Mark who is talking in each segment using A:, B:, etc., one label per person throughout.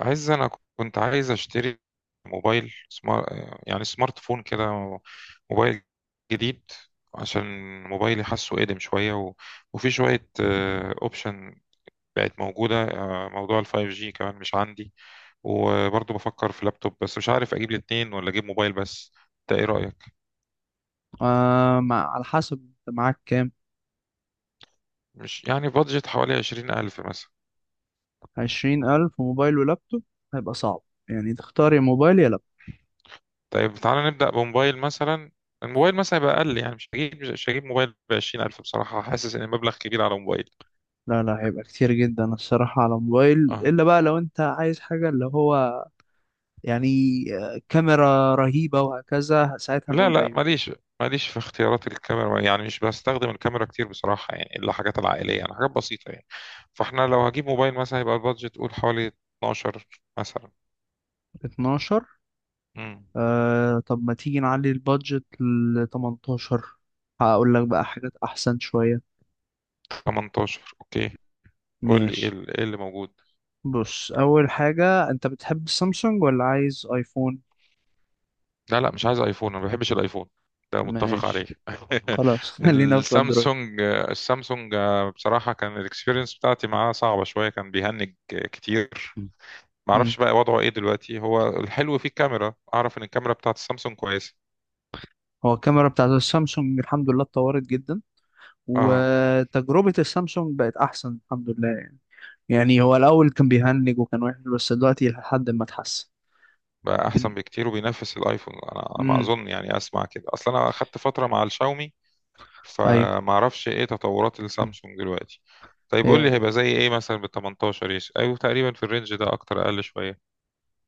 A: عايز انا كنت عايز اشتري موبايل يعني سمارت فون كده. موبايل جديد، عشان موبايلي حاسه قديم شوية وفي شوية اوبشن بقت موجودة. موضوع الفايف جي كمان مش عندي، وبرضه بفكر في لابتوب، بس مش عارف اجيب الاتنين ولا اجيب موبايل بس. انت ايه رأيك؟
B: آه، على حسب انت معاك كام؟
A: مش يعني بادجت حوالي عشرين الف مثلا.
B: 20 ألف موبايل ولابتوب هيبقى صعب، يعني تختار يا موبايل يا لابتوب.
A: طيب تعالى نبدأ بموبايل مثلا. الموبايل مثلا يبقى اقل، يعني مش هجيب موبايل بعشرين الف، بصراحة حاسس ان المبلغ كبير على موبايل.
B: لا لا، هيبقى كتير جدا الصراحة على موبايل،
A: اه،
B: إلا بقى لو أنت عايز حاجة اللي هو يعني كاميرا رهيبة وهكذا، ساعتها
A: لا
B: نقول
A: لا،
B: أيوة.
A: ماليش في اختيارات الكاميرا، يعني مش بستخدم الكاميرا كتير بصراحة، يعني إلا حاجات العائلية، يعني حاجات بسيطة يعني. فاحنا لو هجيب موبايل مثلا هيبقى البادجت قول حوالي 12 مثلا.
B: 12.
A: امم
B: طب ما تيجي نعلي البادجت ل 18، هقول لك بقى حاجات أحسن شوية.
A: 18 اوكي. قول لي ايه
B: ماشي.
A: إيه اللي موجود؟
B: بص، أول حاجة، أنت بتحب السامسونج ولا عايز أيفون؟
A: لا لا، مش عايز ايفون، انا ما بحبش الايفون، ده متفق عليه
B: ماشي. خلاص، خلينا في اندرويد.
A: السامسونج، بصراحة كان الاكسبيرينس بتاعتي معاه صعبة شوية، كان بيهنج كتير.
B: مم. امم
A: معرفش بقى وضعه ايه دلوقتي، هو الحلو فيه الكاميرا، اعرف ان الكاميرا بتاعت السامسونج كويسة.
B: هو الكاميرا بتاعت السامسونج الحمد لله اتطورت جدا،
A: اه،
B: وتجربة السامسونج بقت أحسن الحمد لله يعني. يعني هو الأول كان بيهنج وكان وحش، بس دلوقتي لحد ما اتحسن.
A: بقى
B: بن...
A: احسن بكتير وبينافس الايفون، انا ما
B: امم
A: اظن، يعني اسمع كده اصلا، انا اخدت فتره مع الشاومي،
B: أيوه.
A: فما اعرفش ايه تطورات
B: مم.
A: السامسونج دلوقتي. طيب قول
B: هي
A: لي هيبقى زي ايه مثلا بال 18؟ ايش، ايوه، تقريبا في الرينج ده، اكتر، اقل شويه.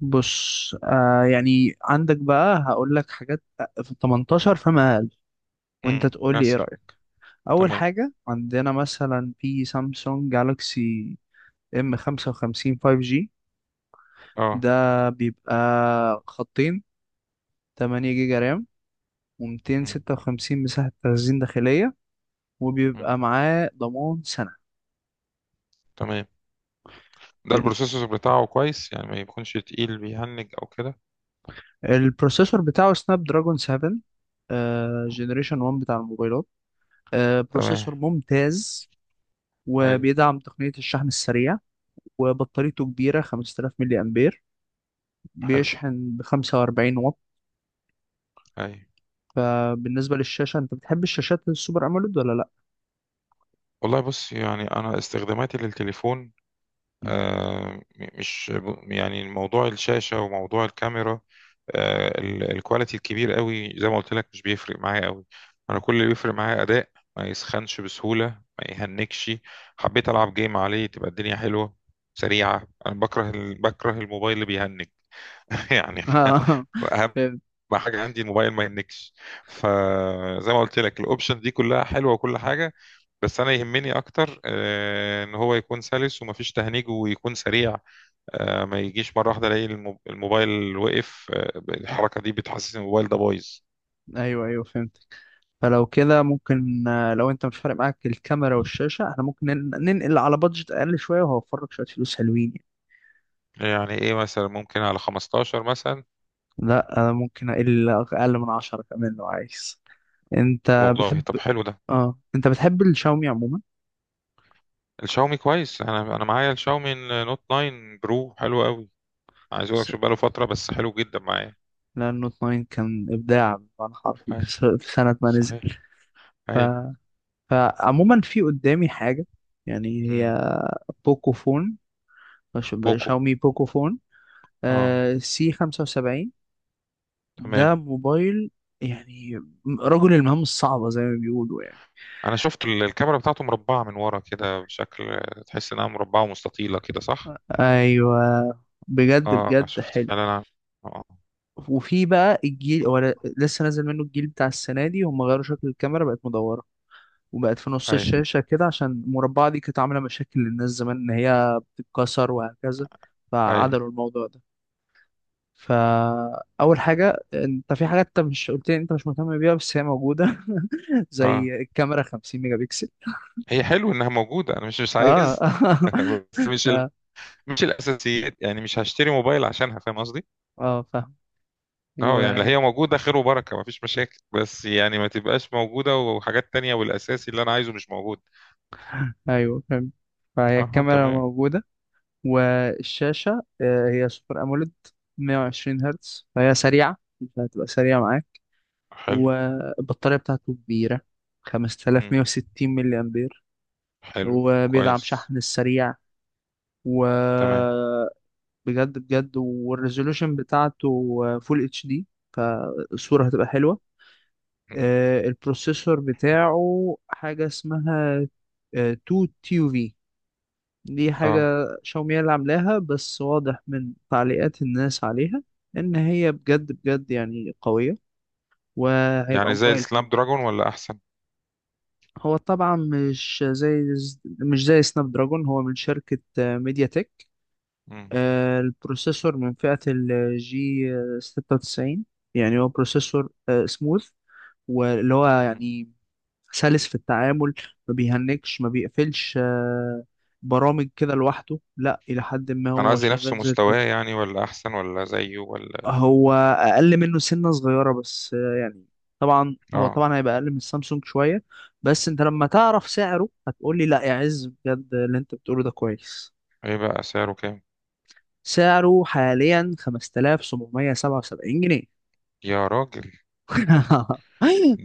B: بص، يعني عندك بقى، هقول لك حاجات في 18 فما أقل، وأنت تقول لي إيه
A: مثلا.
B: رأيك. أول
A: تمام.
B: حاجة عندنا مثلا في سامسونج جالاكسي ام 55 5G.
A: اه.
B: ده بيبقى خطين، 8 جيجا رام،
A: مم.
B: و256 مساحة تخزين داخلية،
A: مم.
B: وبيبقى معاه ضمان سنة.
A: تمام. ده
B: بين
A: البروسيسور بتاعه كويس؟ يعني ما يكونش تقيل بيهنج او كده.
B: البروسيسور بتاعه سناب دراجون 7 جنريشن 1 بتاع الموبايلات،
A: تمام.
B: بروسيسور ممتاز.
A: ايوه.
B: وبيدعم تقنية الشحن السريع، وبطاريته كبيرة 5000 ملي أمبير،
A: حلو.
B: بيشحن ب 45 واط.
A: ايوه.
B: فبالنسبة للشاشة، أنت بتحب الشاشات السوبر أموليد ولا لأ؟
A: والله بص، يعني انا استخداماتي للتليفون مش، يعني موضوع الشاشة وموضوع الكاميرا، الكواليتي الكبير قوي، زي ما قلت لك، مش بيفرق معايا قوي. انا كل اللي بيفرق معايا اداء، ما يسخنش بسهولة، ما يهنكش، حبيت العب جيم عليه تبقى الدنيا حلوة، سريعة. انا بكره بكره الموبايل اللي بيهنك يعني.
B: آه،
A: اهم
B: فهمت.
A: حاجة عندي الموبايل ما يهنكش. فزي ما قلت لك الاوبشن دي كلها حلوة وكل حاجة، بس انا يهمني اكتر، ان هو يكون سلس ومفيش تهنيج ويكون سريع. ما يجيش مرة واحدة الاقي الموبايل وقف، الحركة دي بتحسسني إن الموبايل ده بايظ.
B: ايوه ايوه، فهمت. فلو كده ممكن، لو انت مش فارق معاك الكاميرا والشاشه، احنا ممكن ننقل على بادجت اقل شويه وهوفر لك شويه فلوس حلوين يعني.
A: يعني ايه مثلا، ممكن على 15 مثلا؟
B: لا، انا ممكن اقل اقل من 10 كمان لو عايز. انت
A: والله
B: بتحب
A: طب حلو ده.
B: اه انت بتحب الشاومي عموما.
A: الشاومي كويس، انا معايا الشاومي نوت 9 برو، حلو قوي، عايز اقول لك،
B: س-
A: شوف بقاله فترة بس حلو جدا معايا.
B: لان نوت 9 كان ابداع بمعنى حرفي
A: أيوة،
B: في سنه ما نزل.
A: صحيح،
B: ف...
A: ايوه.
B: فعموما في قدامي حاجه، يعني
A: امم
B: هي بوكو فون،
A: بوكو،
B: شاومي بوكو فون
A: اه
B: سي 75.
A: تمام.
B: ده موبايل، يعني رجل المهام الصعبة زي ما بيقولوا يعني.
A: انا شفت الكاميرا بتاعته مربعة من ورا كده، بشكل تحس انها مربعة ومستطيلة كده، صح؟
B: ايوه، بجد
A: اه،
B: بجد
A: شفت
B: حلو.
A: فعلا. آه.
B: وفي بقى الجيل هو لسه نازل منه. الجيل بتاع السنة دي هم غيروا شكل الكاميرا، بقت مدورة، وبقت في نص
A: ايوه،
B: الشاشة كده، عشان المربعة دي كانت عاملة مشاكل للناس زمان ان هي بتتكسر وهكذا،
A: ايوه.
B: فعدلوا الموضوع ده. فأول حاجة، انت في حاجات انت مش قلت لي انت مش مهتم بيها بس هي موجودة،
A: اه،
B: زي الكاميرا 50 ميجا بكسل.
A: هي حلو انها موجوده، انا مش
B: اه.
A: عايز بس مش الاساسيات، يعني مش هشتري موبايل عشانها، فاهم قصدي؟
B: اه، فاهم.
A: اه،
B: و
A: يعني اللي هي موجوده خير وبركه، مفيش مشاكل، بس يعني ما تبقاش موجوده وحاجات تانية والاساسي اللي انا عايزه مش موجود.
B: ايوه، فاهم. فهي
A: اه،
B: الكاميرا
A: تمام.
B: موجودة، والشاشة هي سوبر اموليد 120 هرتز، فهي سريعة فهتبقى سريعة معاك.
A: حلو.
B: والبطارية بتاعته كبيرة
A: مم.
B: 5160 ملي امبير،
A: حلو،
B: وبيدعم
A: كويس.
B: شحن السريع. و
A: تمام.
B: بجد بجد والريزولوشن بتاعته فول اتش دي، فالصورة هتبقى حلوة.
A: مم.
B: البروسيسور بتاعه حاجة اسمها 2 تي يو في، دي حاجة
A: اه،
B: شاومي هي اللي عاملاها، بس واضح من تعليقات الناس عليها إن هي بجد بجد يعني قوية، وهيبقى
A: يعني زي
B: موبايل حلو.
A: السناب دراجون ولا احسن؟
B: هو طبعا مش زي سناب دراجون، هو من شركة ميديا تك.
A: مم.
B: البروسيسور من فئة الجي 96، يعني هو بروسيسور سموث، واللي هو
A: مم.
B: يعني سلس في التعامل، ما بيهنكش ما بيقفلش برامج كده لوحده، لا إلى حد ما
A: انا
B: هو
A: قصدي نفس
B: شغال زي
A: مستواه،
B: الفل.
A: يعني ولا احسن ولا زيه ولا.
B: هو اقل منه سنه صغيره بس، يعني طبعا هو
A: اه.
B: طبعا هيبقى اقل من السامسونج شويه. بس انت لما تعرف سعره هتقول لي: لا يا عز بجد، اللي انت بتقوله ده كويس.
A: ايه بقى سعره كام؟
B: سعره حاليا 5777 جنيه.
A: يا راجل،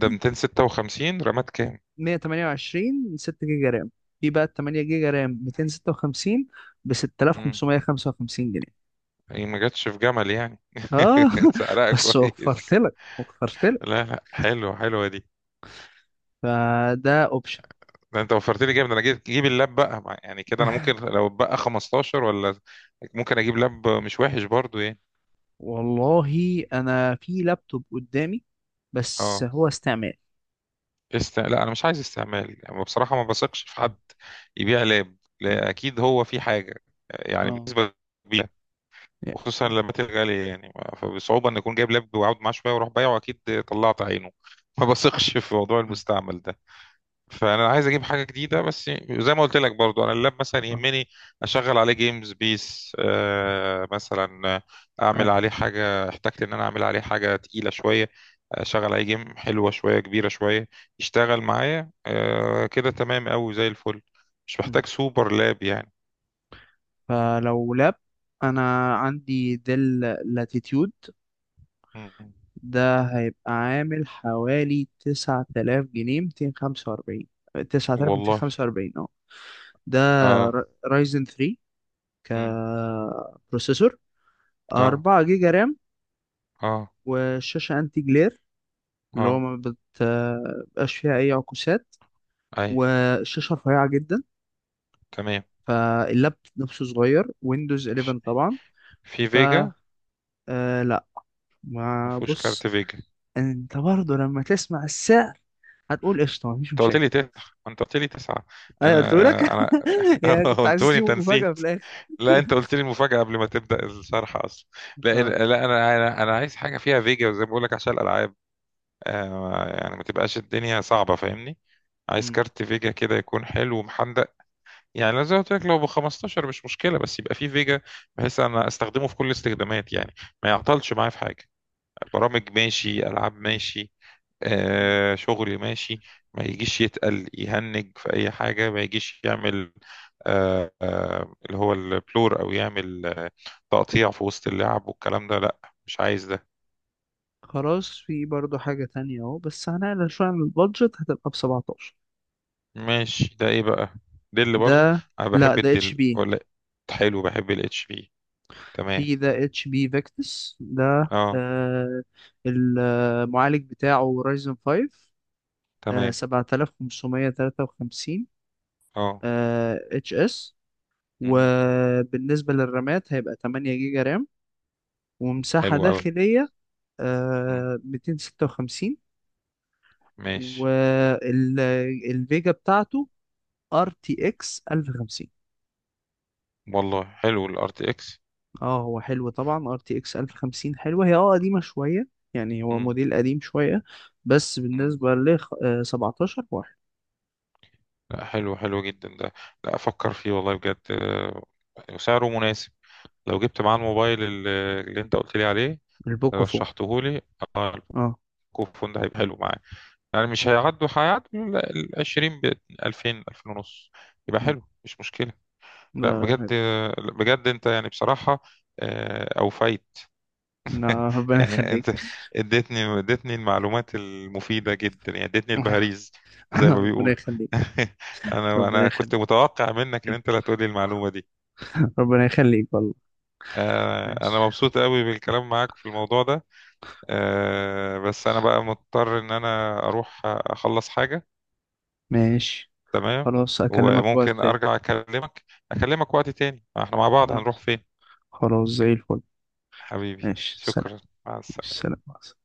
A: ده 256، رامات كام؟
B: 128، 6 جيجا رام، في بقى 8 جيجا رام 256 ب
A: مم.
B: 6555 جنيه.
A: هي ما جاتش في جمل يعني
B: اه.
A: سعرها
B: بس وفرت
A: كويس.
B: لك وفرت لك،
A: لا لا، حلو، حلوه دي.
B: فده اوبشن.
A: ده انت وفرت لي جامد، انا جيب اللاب بقى يعني كده انا ممكن لو بقى 15 ولا، ممكن اجيب لاب مش وحش برضو يعني.
B: والله، انا في لابتوب قدامي بس
A: اه،
B: هو استعمال.
A: لا انا مش عايز استعمال، يعني بصراحه ما بثقش في
B: م-
A: حد يبيع لاب،
B: م.
A: لا اكيد هو في حاجه، يعني
B: اه
A: بالنسبه للبيع،
B: يا-
A: وخصوصا لما تبقى غاليه. يعني فبصعوبه ان اكون جايب لاب وقعد معاه شويه واروح بايعه، اكيد طلعت عينه ما بثقش في موضوع
B: م-
A: المستعمل ده، فانا عايز اجيب حاجه جديده بس. زي ما قلت لك برضو، انا اللاب مثلا
B: اه،
A: يهمني اشغل عليه جيمز بيس مثلا، اعمل
B: أيوة.
A: عليه حاجه، احتجت ان انا اعمل عليه حاجه تقيله شويه، اشغل عليه جيم حلوه شويه، كبيره شويه، يشتغل معايا كده تمام قوي زي الفل. مش
B: م.
A: محتاج سوبر لاب يعني.
B: فلو لاب، انا عندي ديل لاتيتيود
A: م.
B: ده هيبقى عامل حوالي 9000 جنيه 245،
A: والله.
B: 9245. اه. ده
A: اه.
B: رايزن 3
A: م.
B: كبروسيسور،
A: اه.
B: 4 جيجا رام.
A: اه.
B: والشاشة انتي جلير، اللي هو
A: اه.
B: ما بتبقاش فيها اي عكوسات،
A: اي.
B: والشاشة رفيعة جدا،
A: تمام.
B: فاللاب نفسه صغير. ويندوز
A: في
B: 11 طبعا.
A: في
B: ف
A: فيجا.
B: آه لا.
A: ما
B: ما
A: فيهوش
B: بص،
A: كارت فيجا.
B: انت برضه لما تسمع السعر هتقول قشطة، مفيش
A: انت قلت
B: مشاكل.
A: لي تسعة، انت قلت لي تسعة.
B: انا
A: انا
B: قلت لك
A: انا
B: يعني كنت عايز
A: قلت لي انت
B: اسيبه مفاجأة
A: نسيت.
B: في الاخر.
A: لا، انت قلت لي المفاجأة قبل ما تبدأ الشرح اصلا. لا
B: اه.
A: لا، انا عايز حاجة فيها فيجا، زي ما بقول لك عشان الالعاب. يعني ما تبقاش الدنيا صعبة، فاهمني؟ عايز
B: مم.
A: كارت فيجا كده يكون حلو ومحندق. يعني لو زي ما قلت لك لو ب 15 مش مشكلة، بس يبقى فيه فيجا، بحيث انا استخدمه في كل الاستخدامات يعني، ما يعطلش معايا في حاجة، برامج ماشي، العاب ماشي،
B: مم.
A: شغل ماشي. ما يجيش يتقل يهنج في أي حاجة، ما يجيش يعمل اللي هو البلور، أو يعمل تقطيع في وسط اللعب والكلام ده، لأ، مش عايز ده.
B: خلاص، في برضه حاجة تانية اهو، بس هنقلل شوية عن البادجت هتبقى ب 17.
A: ماشي، ده إيه بقى؟ دل برضو؟
B: ده،
A: أنا
B: لا
A: بحب
B: ده اتش
A: الدل،
B: بي.
A: ولا؟ حلو، بحب الاتش بي. تمام.
B: في ده اتش بي فيكتس ده،
A: اه.
B: المعالج بتاعه رايزن 5،
A: تمام.
B: 7553
A: اه.
B: اتش اس.
A: مم.
B: وبالنسبة للرامات هيبقى 8 جيجا رام، ومساحة
A: حلو أوي.
B: داخلية
A: مم.
B: 256،
A: ماشي.
B: والفيجا بتاعته ار تي اكس 1050.
A: والله حلو الار تي اكس.
B: اه، هو حلو طبعا. ار تي اكس 1050 حلوة، هي قديمة شوية، يعني هو موديل قديم شوية. بس بالنسبة ل 17 واحد.
A: لا، حلو، حلو جدا ده، لا افكر فيه والله بجد. وسعره مناسب. لو جبت معاه الموبايل اللي انت قلت لي عليه،
B: البوكو فون.
A: رشحته لي. اه.
B: اه.
A: الكوفون ده هيبقى حلو معاه. يعني مش هيعدوا ال 20، ب 2000 2000 ونص. يبقى
B: مم.
A: حلو، مش مشكلة.
B: لا
A: لا
B: لا
A: بجد،
B: لا.
A: بجد انت يعني بصراحة، اوفيت
B: لا، ربنا
A: يعني
B: يخليك.
A: انت اديتني المعلومات المفيدة جدا، يعني اديتني البهاريز زي ما
B: ربنا
A: بيقولوا
B: يخليك،
A: انا
B: ربنا
A: انا كنت
B: يخليك.
A: متوقع منك ان انت اللي هتقولي المعلومة دي.
B: ربنا يخليك والله.
A: انا
B: ماشي.
A: مبسوط قوي بالكلام معاك في الموضوع ده. بس انا بقى مضطر ان انا اروح اخلص حاجة.
B: ماشي.
A: تمام.
B: خلاص، أكلمك في وقت
A: وممكن
B: تاني.
A: ارجع اكلمك، اكلمك وقت تاني، احنا مع بعض هنروح
B: خلاص.
A: فين؟
B: خلاص، زي الفل.
A: حبيبي
B: ماشي، سلام.
A: شكرا. مع
B: ماشي،
A: السلامة.
B: سلام.